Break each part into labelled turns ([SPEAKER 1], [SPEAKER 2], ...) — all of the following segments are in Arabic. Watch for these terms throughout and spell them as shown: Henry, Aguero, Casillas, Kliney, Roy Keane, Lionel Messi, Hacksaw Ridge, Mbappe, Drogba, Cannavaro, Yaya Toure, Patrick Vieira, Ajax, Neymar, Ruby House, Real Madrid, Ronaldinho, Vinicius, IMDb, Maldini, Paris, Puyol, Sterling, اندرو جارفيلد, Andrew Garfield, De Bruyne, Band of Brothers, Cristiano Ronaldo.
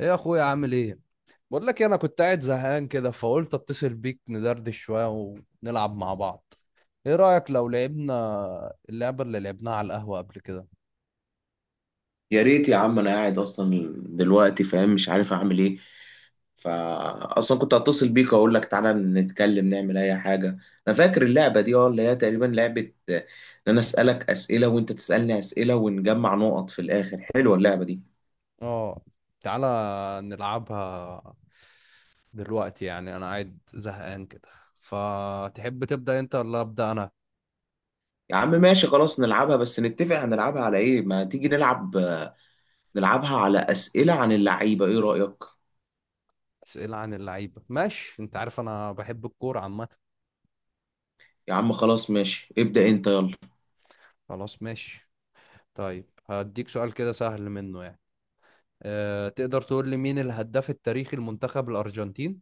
[SPEAKER 1] ايه يا اخويا عامل ايه؟ بقول لك إيه، انا كنت قاعد زهقان كده فقلت اتصل بيك ندردش شويه ونلعب مع بعض. ايه رايك لو لعبنا اللعبه اللي لعبناها على القهوه قبل كده؟
[SPEAKER 2] يا ريت يا عم، انا قاعد اصلا دلوقتي فاهم، مش عارف اعمل ايه. فاصلا كنت هتصل بيك واقول لك تعالى نتكلم نعمل اي حاجه. انا فاكر اللعبه دي، اللي هي تقريبا لعبه، آه، ان انا اسالك اسئله وانت تسالني اسئله ونجمع نقط في الاخر. حلوه اللعبه دي.
[SPEAKER 1] اه، تعالى نلعبها دلوقتي، يعني انا قاعد زهقان كده. فتحب تبدا انت ولا ابدا انا؟
[SPEAKER 2] يا عم ماشي خلاص نلعبها، بس نتفق هنلعبها على ايه. ما تيجي نلعب، نلعبها على اسئله عن اللعيبه، ايه رايك؟
[SPEAKER 1] اسئله عن اللعيبه، ماشي. انت عارف انا بحب الكوره عامه.
[SPEAKER 2] يا عم خلاص ماشي، ابدا انت، يلا.
[SPEAKER 1] خلاص ماشي. طيب هديك سؤال كده سهل منه يعني. تقدر تقول لي مين الهداف التاريخي لمنتخب الارجنتين؟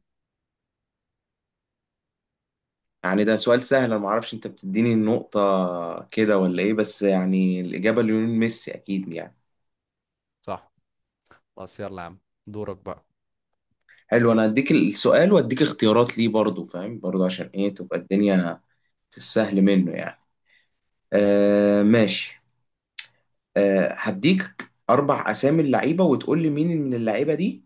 [SPEAKER 2] يعني ده سؤال سهل، انا ما اعرفش انت بتديني النقطة كده ولا ايه، بس يعني الإجابة ليونيل ميسي اكيد يعني.
[SPEAKER 1] صح، بس يلا يا عم، دورك بقى.
[SPEAKER 2] حلو، انا هديك السؤال واديك اختيارات ليه برضو، فاهم، برضو عشان ايه تبقى الدنيا في السهل منه يعني. آه ماشي. هديك اربع اسامي اللعيبة وتقول لي مين من اللعيبة دي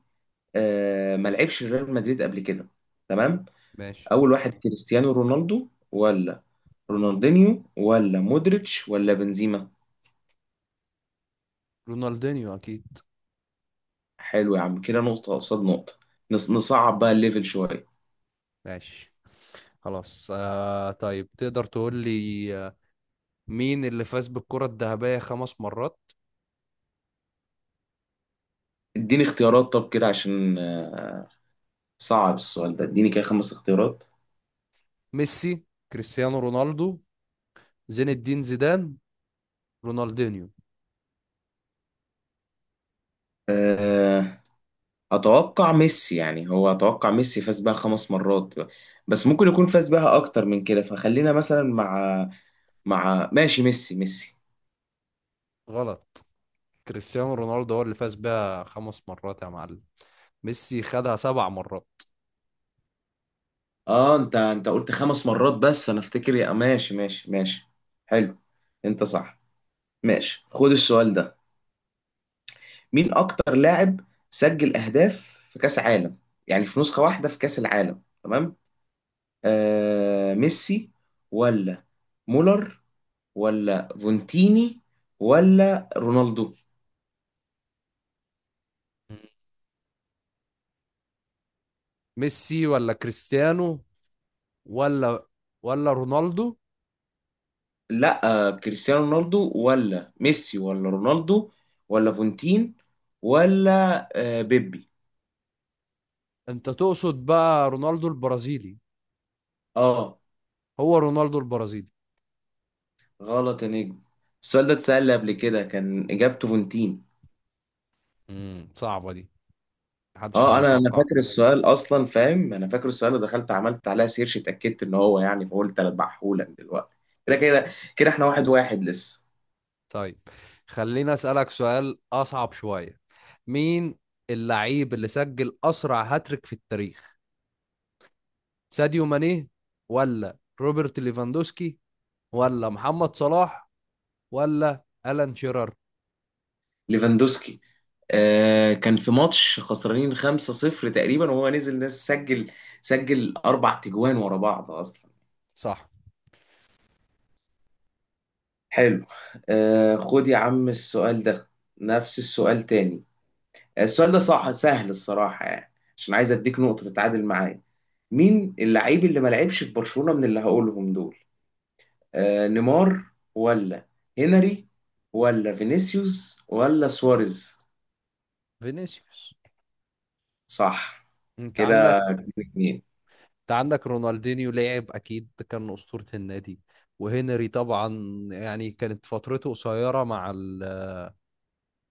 [SPEAKER 2] ما لعبش ريال مدريد قبل كده، تمام.
[SPEAKER 1] ماشي،
[SPEAKER 2] اول واحد كريستيانو رونالدو ولا رونالدينيو ولا مودريتش ولا بنزيما؟
[SPEAKER 1] رونالدينيو اكيد.
[SPEAKER 2] حلو يا عم، كده نقطة قصاد نقطة. نصعب بقى الليفل شوية.
[SPEAKER 1] ماشي خلاص. طيب تقدر تقول لي، مين اللي فاز بالكرة الذهبية 5 مرات؟
[SPEAKER 2] اديني اختيارات، طب كده عشان صعب السؤال ده، اديني كده خمس اختيارات.
[SPEAKER 1] ميسي؟ كريستيانو رونالدو؟ زين الدين زيدان؟ رونالدينيو؟
[SPEAKER 2] آه، اتوقع ميسي، يعني هو اتوقع ميسي فاز بها خمس مرات، بس ممكن يكون فاز بها اكتر من كده، فخلينا مثلا مع ماشي، ميسي ميسي.
[SPEAKER 1] غلط، كريستيانو رونالدو هو اللي فاز بيها 5 مرات يا معلم. ميسي خدها 7 مرات.
[SPEAKER 2] اه، انت قلت خمس مرات، بس انا افتكر، يا ماشي ماشي ماشي. حلو، انت صح. ماشي خد السؤال ده. مين اكتر لاعب سجل اهداف في كاس عالم، يعني في نسخة واحدة في كاس العالم، تمام؟ ميسي ولا مولر ولا فونتيني ولا رونالدو؟
[SPEAKER 1] ميسي ولا كريستيانو، ولا ولا رونالدو؟
[SPEAKER 2] لا، كريستيانو رونالدو ولا ميسي ولا رونالدو ولا فونتين ولا بيبي.
[SPEAKER 1] انت تقصد بقى رونالدو البرازيلي؟
[SPEAKER 2] اه،
[SPEAKER 1] هو رونالدو البرازيلي.
[SPEAKER 2] غلط يا نجم. السؤال ده اتسأل قبل كده، كان اجابته فونتين.
[SPEAKER 1] صعبة دي، محدش
[SPEAKER 2] اه، انا
[SPEAKER 1] هيتوقع.
[SPEAKER 2] فاكر السؤال اصلا، فاهم، انا فاكر السؤال ودخلت عملت عليها سيرش، اتاكدت ان هو يعني، فقلت اذبحهولك دلوقتي كده كده. كده احنا واحد واحد لسه.
[SPEAKER 1] طيب خليني أسألك سؤال أصعب شوية. مين اللعيب اللي سجل أسرع هاتريك في التاريخ؟ ساديو ماني، ولا روبرت ليفاندوسكي، ولا محمد صلاح، ولا ألان شيرر؟
[SPEAKER 2] ليفاندوسكي. كان في ماتش خسرانين 5-0 تقريبا، وهو نزل ناس، سجل اربع تجوان ورا بعض اصلا.
[SPEAKER 1] صح،
[SPEAKER 2] حلو. خد يا عم السؤال ده، نفس السؤال تاني. السؤال ده صح سهل الصراحة يعني، عشان عايز اديك نقطة تتعادل معايا. مين اللعيب اللي ما لعبش في برشلونة من اللي هقولهم دول؟ نيمار ولا هنري ولا فينيسيوس ولا سواريز؟
[SPEAKER 1] فينيسيوس.
[SPEAKER 2] صح،
[SPEAKER 1] انت
[SPEAKER 2] كده
[SPEAKER 1] عندك
[SPEAKER 2] اتنين.
[SPEAKER 1] انت عندك رونالدينيو لعب اكيد، ده كان اسطورة النادي. وهنري طبعا، يعني كانت فترته قصيرة مع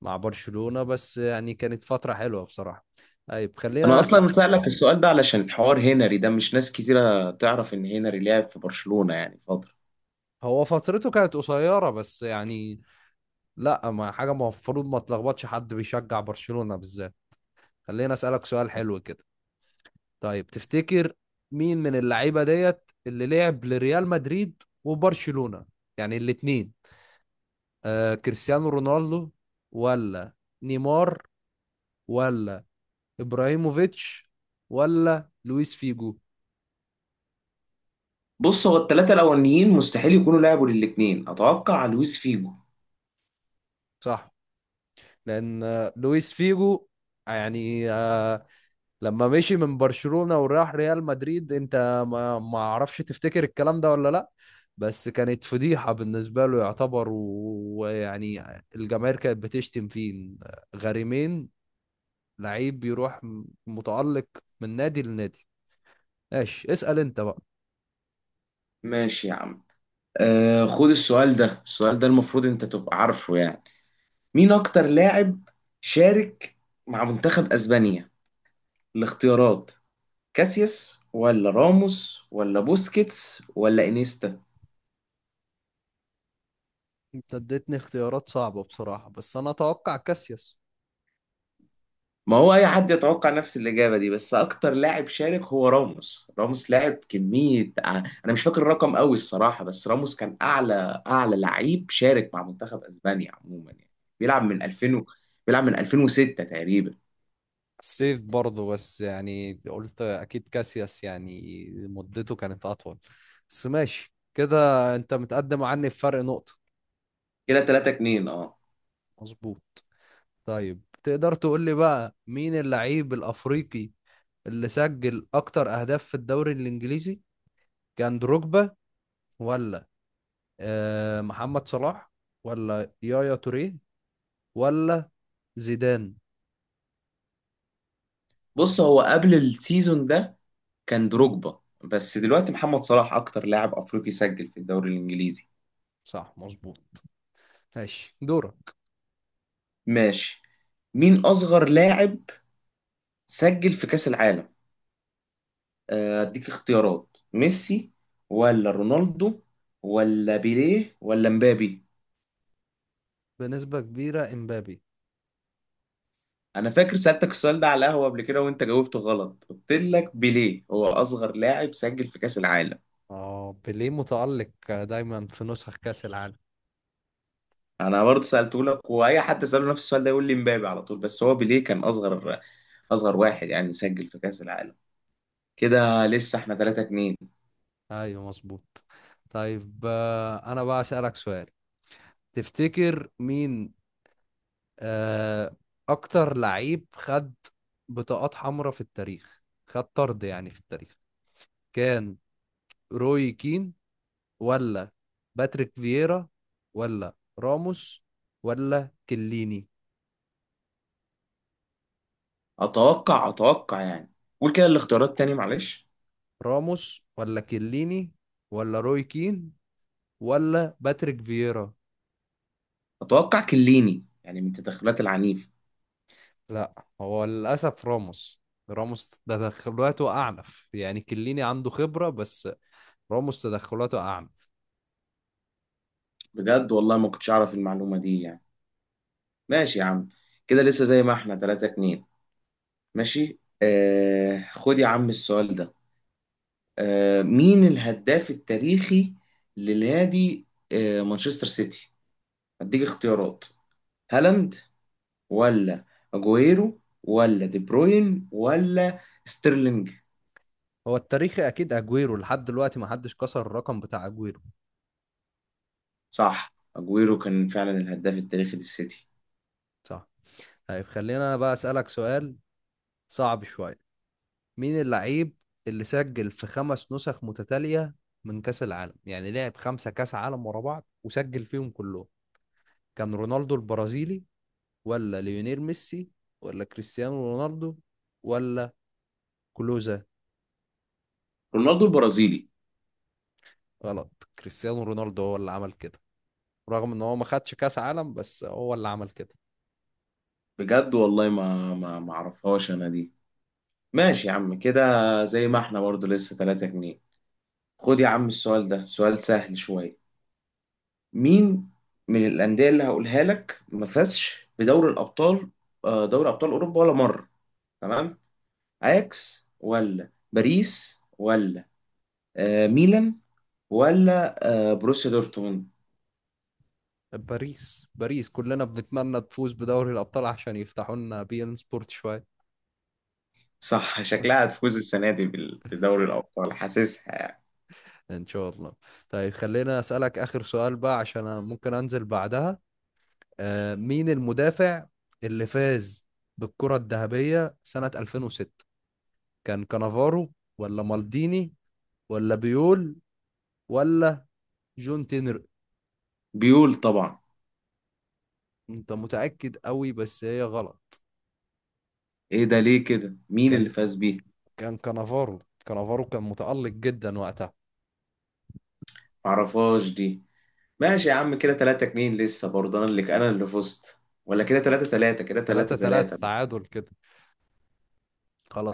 [SPEAKER 1] مع برشلونة، بس يعني كانت فترة حلوة بصراحة. طيب
[SPEAKER 2] انا
[SPEAKER 1] خلينا أسأل.
[SPEAKER 2] اصلا سألك السؤال ده علشان حوار هنري ده، مش ناس كتيرة تعرف ان هنري لعب في برشلونة يعني فترة.
[SPEAKER 1] هو فترته كانت قصيرة بس يعني، لا، ما حاجة المفروض ما تلخبطش حد بيشجع برشلونة بالذات. خلينا أسألك سؤال حلو كده. طيب تفتكر مين من اللعيبة ديت اللي لعب لريال مدريد وبرشلونة، يعني الاتنين؟ آه، كريستيانو رونالدو، ولا نيمار، ولا إبراهيموفيتش، ولا لويس فيجو؟
[SPEAKER 2] بص، هو الثلاثة الاولانيين مستحيل يكونوا لعبوا للاتنين، اتوقع لويس فيجو.
[SPEAKER 1] صح. لان لويس فيجو يعني، لما مشي من برشلونة وراح ريال مدريد، انت ما اعرفش، تفتكر الكلام ده ولا لا؟ بس كانت فضيحة بالنسبة له يعتبر، ويعني الجماهير كانت بتشتم فيه. غريمين، لعيب بيروح متألق من نادي لنادي. ماشي، اسأل انت بقى.
[SPEAKER 2] ماشي يا عم. خد السؤال ده، السؤال ده المفروض انت تبقى عارفه يعني. مين اكتر لاعب شارك مع منتخب اسبانيا؟ الاختيارات كاسياس ولا راموس ولا بوسكيتس ولا انيستا؟
[SPEAKER 1] انت اديتني اختيارات صعبة بصراحة، بس انا اتوقع كاسياس.
[SPEAKER 2] ما هو اي حد يتوقع نفس الاجابه دي، بس اكتر لاعب شارك هو راموس. راموس لاعب كميه، انا مش فاكر الرقم قوي الصراحه، بس راموس كان اعلى لعيب شارك مع منتخب اسبانيا عموما يعني. بيلعب من 2000 و... بيلعب من 2006 تقريبا.
[SPEAKER 1] سيف برضه، بس يعني قلت اكيد كاسياس، يعني مدته كانت اطول. بس ماشي كده، انت متقدم عني بفرق نقطة.
[SPEAKER 2] كده 3 2، اه.
[SPEAKER 1] مظبوط. طيب تقدر تقول لي بقى مين اللعيب الافريقي اللي سجل اكتر اهداف في الدوري الانجليزي؟ كان دروجبا، ولا محمد صلاح، ولا يايا توريه، ولا زيدان؟
[SPEAKER 2] بص، هو قبل السيزون ده كان دروجبا، بس دلوقتي محمد صلاح اكتر لاعب افريقي سجل في الدوري الانجليزي.
[SPEAKER 1] صح، مظبوط. ماشي دورك.
[SPEAKER 2] ماشي. مين اصغر لاعب سجل في كأس العالم؟ اديك اختيارات، ميسي ولا رونالدو ولا بيليه ولا مبابي؟
[SPEAKER 1] بنسبة كبيرة امبابي.
[SPEAKER 2] انا فاكر سألتك السؤال ده على القهوة قبل كده، وانت جاوبته غلط، قلت لك بيليه هو اصغر لاعب سجل في كأس العالم.
[SPEAKER 1] اه، بيليه متألق دايما في نسخ كأس العالم.
[SPEAKER 2] انا برضه سألته لك، واي حد سأله نفس السؤال ده يقول لي مبابي على طول، بس هو بيليه كان اصغر، اصغر واحد يعني سجل في كأس العالم. كده لسه احنا 3 2.
[SPEAKER 1] ايوه مظبوط. طيب، انا بقى أسألك سؤال. تفتكر مين آه، اكتر لعيب خد بطاقات حمراء في التاريخ، خد طرد يعني في التاريخ؟ كان روي كين، ولا باتريك فييرا، ولا راموس، ولا كليني؟
[SPEAKER 2] اتوقع يعني، قول كده الاختيارات تاني، معلش.
[SPEAKER 1] راموس ولا كليني ولا روي كين ولا باتريك فييرا؟
[SPEAKER 2] اتوقع كليني، يعني من تدخلات العنيف.
[SPEAKER 1] لا، هو للأسف راموس. راموس تدخلاته أعنف، يعني كليني عنده خبرة بس راموس تدخلاته أعنف.
[SPEAKER 2] بجد والله، ما كنتش اعرف المعلومة دي يعني. ماشي يا عم، كده لسه زي ما احنا 3 2. ماشي، خد يا عم السؤال ده. مين الهداف التاريخي لنادي مانشستر سيتي؟ هديك اختيارات، هالاند ولا اجويرو ولا دي بروين ولا ستيرلينج؟
[SPEAKER 1] هو التاريخي أكيد أجويرو، لحد دلوقتي ما حدش كسر الرقم بتاع أجويرو.
[SPEAKER 2] صح، اجويرو كان فعلا الهداف التاريخي للسيتي.
[SPEAKER 1] صح. طيب خلينا أنا بقى أسألك سؤال صعب شوية. مين اللعيب اللي سجل في 5 نسخ متتالية من كأس العالم؟ يعني لعب 5 كأس عالم ورا بعض وسجل فيهم كلهم. كان رونالدو البرازيلي، ولا ليونيل ميسي، ولا كريستيانو رونالدو، ولا كلوزا؟
[SPEAKER 2] رونالدو البرازيلي.
[SPEAKER 1] غلط، كريستيانو رونالدو هو اللي عمل كده، رغم ان هو ما خدش كاس عالم بس هو اللي عمل كده.
[SPEAKER 2] بجد والله ما اعرفهاش انا دي. ماشي يا عم، كده زي ما احنا برضه لسه 3 جنيه. خد يا عم السؤال ده، سؤال سهل شوية. مين من الأندية اللي هقولها لك ما فازش بدوري الأبطال، دوري أبطال أوروبا ولا مرة، تمام؟ أياكس ولا باريس ولا ميلان ولا بروسيا دورتموند؟
[SPEAKER 1] باريس، باريس كلنا بنتمنى تفوز بدوري الابطال عشان يفتحوا لنا بي ان سبورت شويه.
[SPEAKER 2] صح، شكلها هتفوز السنة دي بدوري الأبطال، حاسسها يعني.
[SPEAKER 1] ان شاء الله. طيب خلينا اسالك اخر سؤال بقى عشان انا ممكن انزل بعدها. آه، مين المدافع اللي فاز بالكره الذهبيه سنه 2006؟ كان كانافارو، ولا مالديني، ولا بيول، ولا جون تينر؟
[SPEAKER 2] بيقول طبعا.
[SPEAKER 1] انت متاكد قوي بس هي غلط.
[SPEAKER 2] إيه ده؟ ليه كده؟ مين
[SPEAKER 1] كان
[SPEAKER 2] اللي فاز بيه؟
[SPEAKER 1] كان كانافارو كان متألق جدا وقتها.
[SPEAKER 2] معرفهاش دي. ماشي يا عم، كده 3 2 لسه برضه، انا اللي فزت، ولا كده 3 3؟ كده
[SPEAKER 1] 3
[SPEAKER 2] 3
[SPEAKER 1] 3
[SPEAKER 2] 3.
[SPEAKER 1] تعادل كده.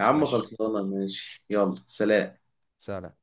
[SPEAKER 2] يا عم
[SPEAKER 1] ماشي.
[SPEAKER 2] خلصانه ماشي، يلا سلام.
[SPEAKER 1] سلام.